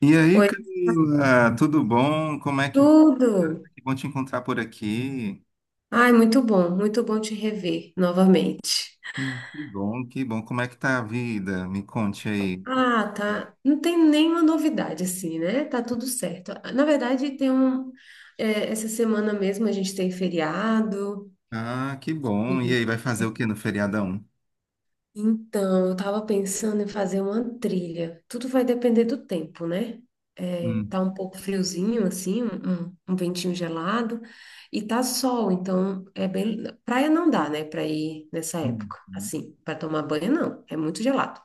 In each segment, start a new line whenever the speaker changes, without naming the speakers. E aí,
Oi,
Camila, tudo bom? Como é que va-
tudo!
que bom te encontrar por aqui.
Ai, muito bom te rever novamente.
Que bom, que bom. Como é que tá a vida? Me conte aí.
Ah, tá. Não tem nenhuma novidade assim, né? Tá tudo certo. Na verdade, tem um. Essa semana mesmo a gente tem feriado.
Ah, que bom. E aí, vai fazer o que no feriadão?
Então, eu estava pensando em fazer uma trilha. Tudo vai depender do tempo, né? É,
Hum,
tá um pouco friozinho, assim, um ventinho gelado, e tá sol, então é bem. Praia não dá, né, para ir nessa
hum,
época,
hum.
assim, para tomar banho não, é muito gelado.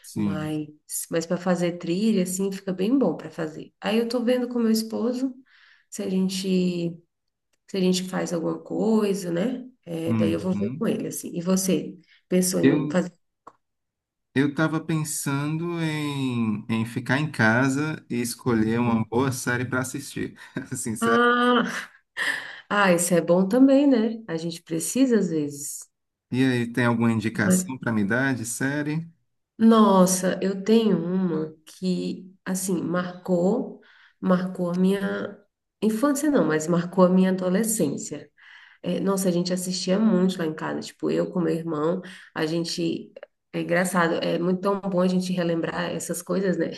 Sim.
Mas, mas para fazer trilha, assim, fica bem bom para fazer. Aí eu tô vendo com meu esposo se a gente, se a gente faz alguma coisa, né? Daí eu vou ver com
Uhum.
ele, assim. E você, pensou em
Eu,
fazer?
eu estava pensando em ficar em casa e escolher uma boa série para assistir. Assim, sério.
Ah, ah, isso é bom também, né? A gente precisa às vezes.
E aí, tem alguma
Não é?
indicação para me dar de série?
Nossa, eu tenho uma que, assim, marcou a minha infância, não, mas marcou a minha adolescência. É, nossa, a gente assistia muito lá em casa, tipo, eu com meu irmão, a gente. É engraçado, é muito tão bom a gente relembrar essas coisas, né?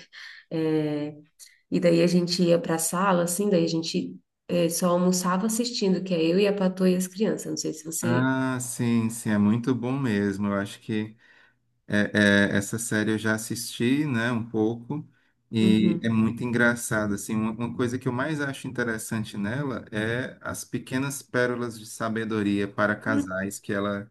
É, e daí a gente ia pra sala, assim, daí a gente. Só almoçava assistindo, que é eu e a Patroa e as crianças. Não sei se você.
Ah, sim, sim, é muito bom mesmo. Eu acho que É, essa série eu já assisti, né, um pouco, e é
Uhum.
muito engraçado, assim, uma coisa que eu mais acho interessante nela é as pequenas pérolas de sabedoria para
Hum.
casais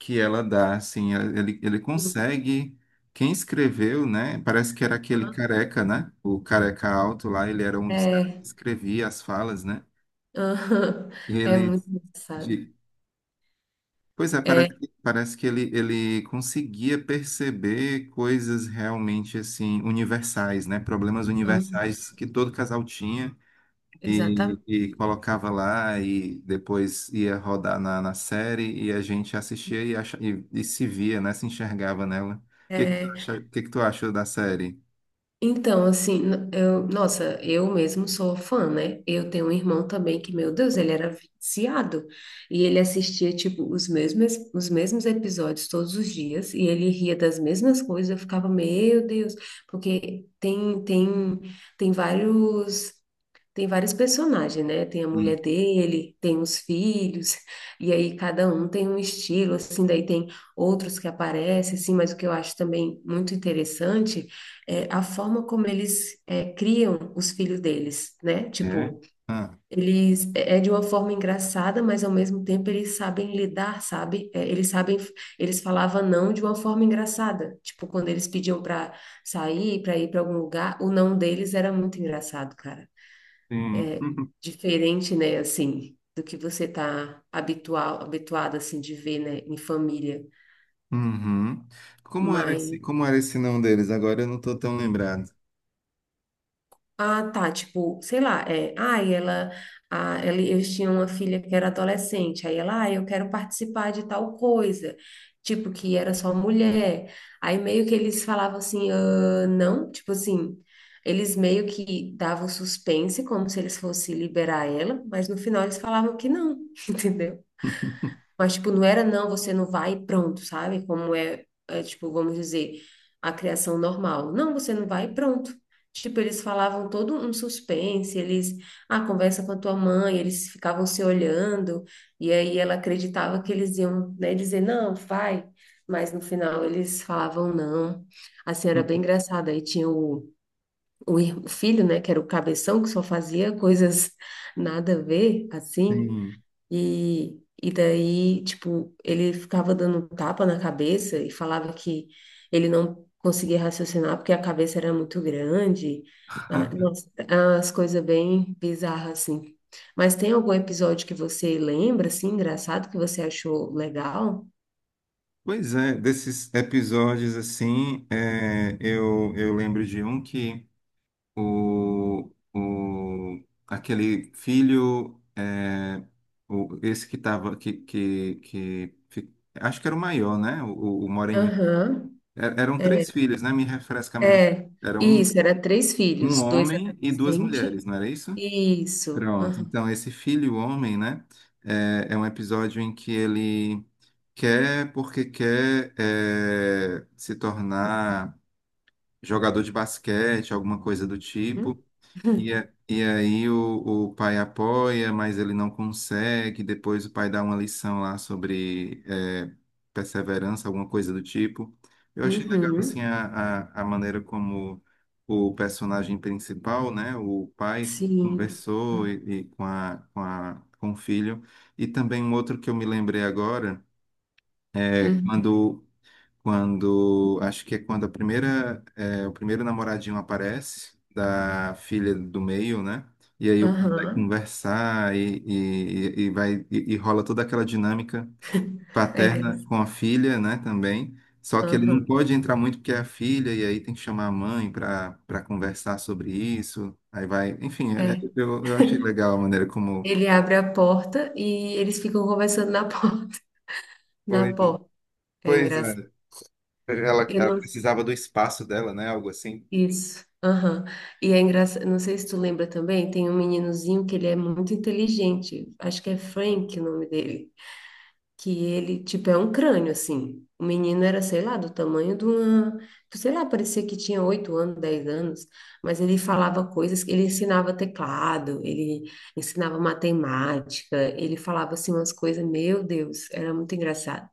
que ela dá, assim, ele
Sim.
consegue, quem escreveu, né, parece que era aquele
Aham.
careca, né, o careca alto lá, ele era um dos caras
É,
que escrevia as falas, né,
aham. É
ele.
muito engraçado.
Pois é,
É,
parece que ele conseguia perceber coisas realmente assim universais, né? Problemas
aham,
universais que todo casal tinha
exatamente.
e colocava lá e depois ia rodar na, na série e a gente assistia e, acha, e se via, né? Se enxergava nela. O que que tu
É,
acha, o que que tu achou da série?
então, assim, eu, nossa, eu mesmo sou fã, né? Eu tenho um irmão também que, meu Deus, ele era viciado. E ele assistia, tipo, os mesmos episódios todos os dias. E ele ria das mesmas coisas. Eu ficava, meu Deus, porque tem vários. Tem vários personagens, né? Tem a
Hum.
mulher dele, tem os filhos, e aí cada um tem um estilo, assim, daí tem outros que aparecem, assim, mas o que eu acho também muito interessante é a forma como eles criam os filhos deles, né?
É?
Tipo,
Ah,
eles é de uma forma engraçada, mas ao mesmo tempo eles sabem lidar, sabe? Eles sabem, eles falavam não de uma forma engraçada. Tipo, quando eles pediam para sair, para ir para algum lugar, o não deles era muito engraçado, cara
sim. Uhum.
diferente, né, assim, do que você tá habituado, assim, de ver, né, em família.
Uhum.
Mas,
Como era esse nome deles? Agora eu não estou tão lembrado.
ah, tá, tipo, sei lá, é, ah, e ela, eles tinham uma filha que era adolescente, aí ela, ah, eu quero participar de tal coisa, tipo, que era só mulher. Aí meio que eles falavam assim, ah, não, tipo assim... Eles meio que davam suspense, como se eles fossem liberar ela, mas no final eles falavam que não, entendeu? Mas, tipo, não era não, você não vai e pronto, sabe? Como tipo, vamos dizer, a criação normal. Não, você não vai e pronto. Tipo, eles falavam todo um suspense, eles, ah, conversa com a tua mãe, eles ficavam se olhando, e aí ela acreditava que eles iam, né, dizer, não, vai. Mas no final eles falavam não. Assim, era bem engraçado. Aí tinha o filho, né, que era o cabeção, que só fazia coisas nada a ver, assim.
Sim.
E daí, tipo, ele ficava dando um tapa na cabeça e falava que ele não conseguia raciocinar porque a cabeça era muito grande. Ah, nossa, as coisas bem bizarras, assim. Mas tem algum episódio que você lembra, assim, engraçado, que você achou legal?
Pois é, desses episódios assim, é, eu lembro de um que o, aquele filho, é, o, esse que tava, acho que era o maior, né? O Moreninho.
Aham.
E- Eram três filhos, né? Me refresca mesmo.
É,
Era um,
isso, era três
um
filhos, dois
homem e duas
adolescentes.
mulheres, não era isso?
Isso.
Pronto,
Aham.
então esse filho homem, né, é, é um episódio em que ele quer, porque quer é, se tornar jogador de basquete, alguma coisa do tipo,
Uhum.
e, a- e aí o pai apoia, mas ele não consegue. Depois o pai dá uma lição lá sobre é, perseverança, alguma coisa do tipo. Eu achei legal assim
Uhum.
a maneira como o personagem principal, né, o pai
Sim.
conversou e com a, com a, com o filho. E também um outro que eu me lembrei agora é
Uhum.
quando acho que é quando a primeira, é, o primeiro namoradinho aparece, da filha do meio, né? E aí o- povo vai
Aham.
conversar e vai, e rola toda aquela dinâmica
É
paterna com
engraçado.
a filha, né, também. Só que ele não
Aham,
pode entrar muito porque é a filha, e aí tem que chamar a mãe para para conversar sobre isso. Aí vai, enfim, é-
é.
eu achei legal a maneira como.
Ele abre a porta e eles ficam conversando na porta. Na
Pois,
porta. É
pois
engraçado.
é, ela,
Eu
ela
não...
precisava do espaço dela, né? Algo assim.
Isso. Aham. E é engraçado. Não sei se tu lembra também, tem um meninozinho que ele é muito inteligente. Acho que é Frank o nome dele. Que ele, tipo, é um crânio, assim. O menino era, sei lá, do tamanho de uma, sei lá, parecia que tinha oito anos, dez anos, mas ele falava coisas, ele ensinava teclado, ele ensinava matemática, ele falava assim umas coisas, meu Deus, era muito engraçado.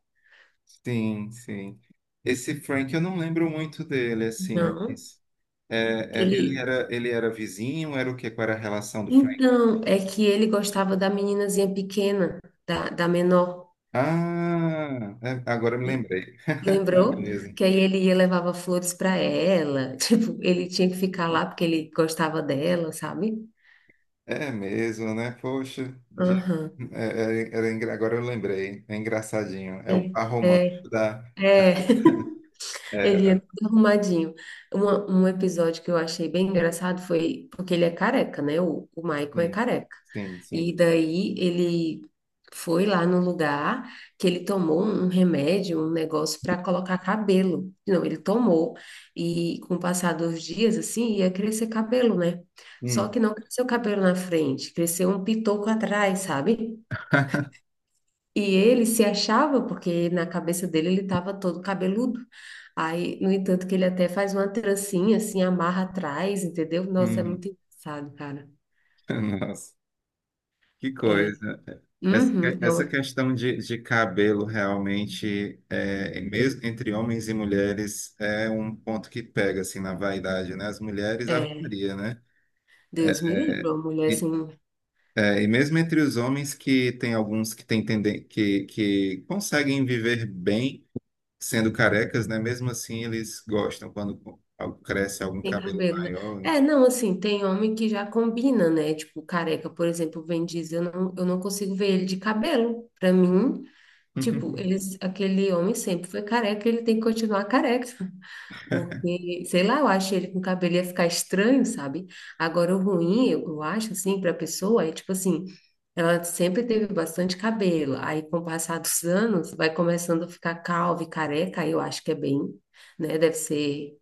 Sim, sim. Esse Frank, eu não lembro muito dele, assim,
Não,
mas é,
que
é,
ele,
ele era vizinho, era o quê? Qual era a relação do Frank?
então, é que ele gostava da meninazinha pequena, da menor,
Ah, é, agora eu me lembrei. É
lembrou?
mesmo.
Que aí ele ia levava flores para ela, tipo, ele tinha que ficar lá porque ele gostava dela, sabe?
É mesmo, né? Poxa, de-
Aham.
é, é, era engra- agora eu lembrei. É engraçadinho. É o
Ele,
par romântico da.
ele é
É,
todo arrumadinho. Um episódio que eu achei bem engraçado foi porque ele é careca, né? O Michael é
sim,
careca.
sim,
E
sim.
daí ele foi lá no lugar que ele tomou um remédio, um negócio para colocar cabelo. Não, ele tomou e com o passar dos dias, assim, ia crescer cabelo, né? Só
Hum,
que não cresceu cabelo na frente, cresceu um pitoco atrás, sabe? E ele se achava, porque na cabeça dele ele estava todo cabeludo. Aí, no entanto, que ele até faz uma trancinha, assim, amarra atrás, entendeu? Nossa, é
hum.
muito engraçado, cara.
Nossa. Que
É,
coisa. Essa
uhum, é,
essa
uma-
questão de cabelo realmente, é, mesmo entre homens e mulheres, é um ponto que pega assim na vaidade, né? As mulheres, a
é,
varia, né?
Deus me livre,
É,
uma mulher
E,
assim,
é, e mesmo entre os homens que tem alguns que têm tenden que conseguem viver bem sendo carecas, né? Mesmo assim, eles gostam quando algo- cresce algum
sem
cabelo
cabelo, né?
maior.
É,
Enfim.
não, assim, tem homem que já combina, né? Tipo, careca, por exemplo, o Vin Diesel, eu não consigo ver ele de cabelo. Pra mim, tipo, eles, aquele homem sempre foi careca, ele tem que continuar careca. Porque, sei lá, eu acho ele com o cabelo ia ficar estranho, sabe? Agora, o ruim, eu acho, assim, para a pessoa é tipo assim: ela sempre teve bastante cabelo, aí com o passar dos anos vai começando a ficar calva e careca, aí eu acho que é bem, né? Deve ser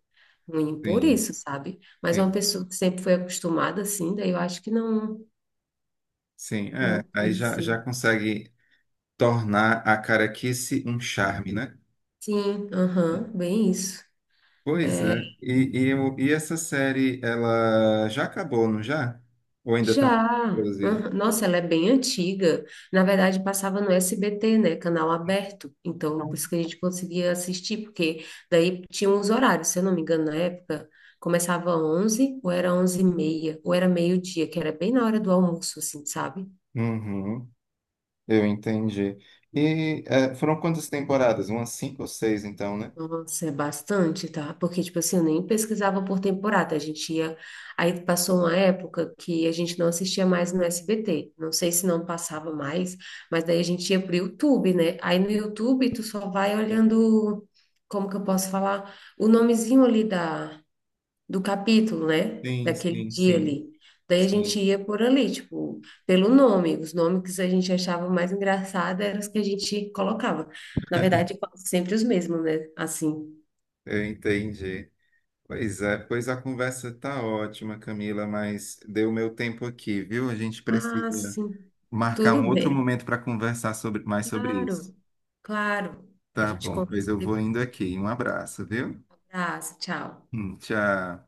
ruim por
Sim,
isso, sabe? Mas é uma
sim,
pessoa que sempre foi acostumada assim, daí eu acho que não,
sim.
não
É, aí já,
influencia.
já consegue tornar a caraquice um charme, né?
Sim, aham, bem isso.
Pois é. E, o- e essa série, ela já acabou, não já? Ou ainda está
Já.
produzida?
Aham. Nossa, ela é bem antiga. Na verdade, passava no SBT, né? Canal aberto. Então, por
Não.
isso que a gente conseguia assistir, porque daí tinha uns horários, se eu não me engano, na época, começava 11, ou era 11 e meia, ou era meio-dia, que era bem na hora do almoço, assim, sabe?
Uhum, eu entendi. E eh, foram quantas temporadas? Umas cinco ou seis, então, né?
Nossa, é bastante, tá? Porque, tipo assim, eu nem pesquisava por temporada. A gente ia. Aí passou uma época que a gente não assistia mais no SBT. Não sei se não passava mais, mas daí a gente ia pro YouTube, né? Aí no YouTube tu só vai olhando, como que eu posso falar? O nomezinho ali da, do capítulo, né?
Sim,
Daquele
sim,
dia
sim,
ali. Daí a gente
sim.
ia por ali, tipo, pelo nome. Os nomes que a gente achava mais engraçado eram os que a gente colocava. Na verdade, quase sempre os mesmos, né? Assim.
Eu entendi. Pois é, pois a conversa tá ótima, Camila, mas deu meu tempo aqui, viu? A gente
Ah,
precisa
sim.
marcar
Tudo
um outro
bem.
momento para conversar sobre, mais sobre isso.
Claro, claro. A
Tá Tá
gente
bom, bom? Pois
conversa
eu vou
depois.
indo aqui. Um abraço, viu?
Ah, tchau.
Tchau.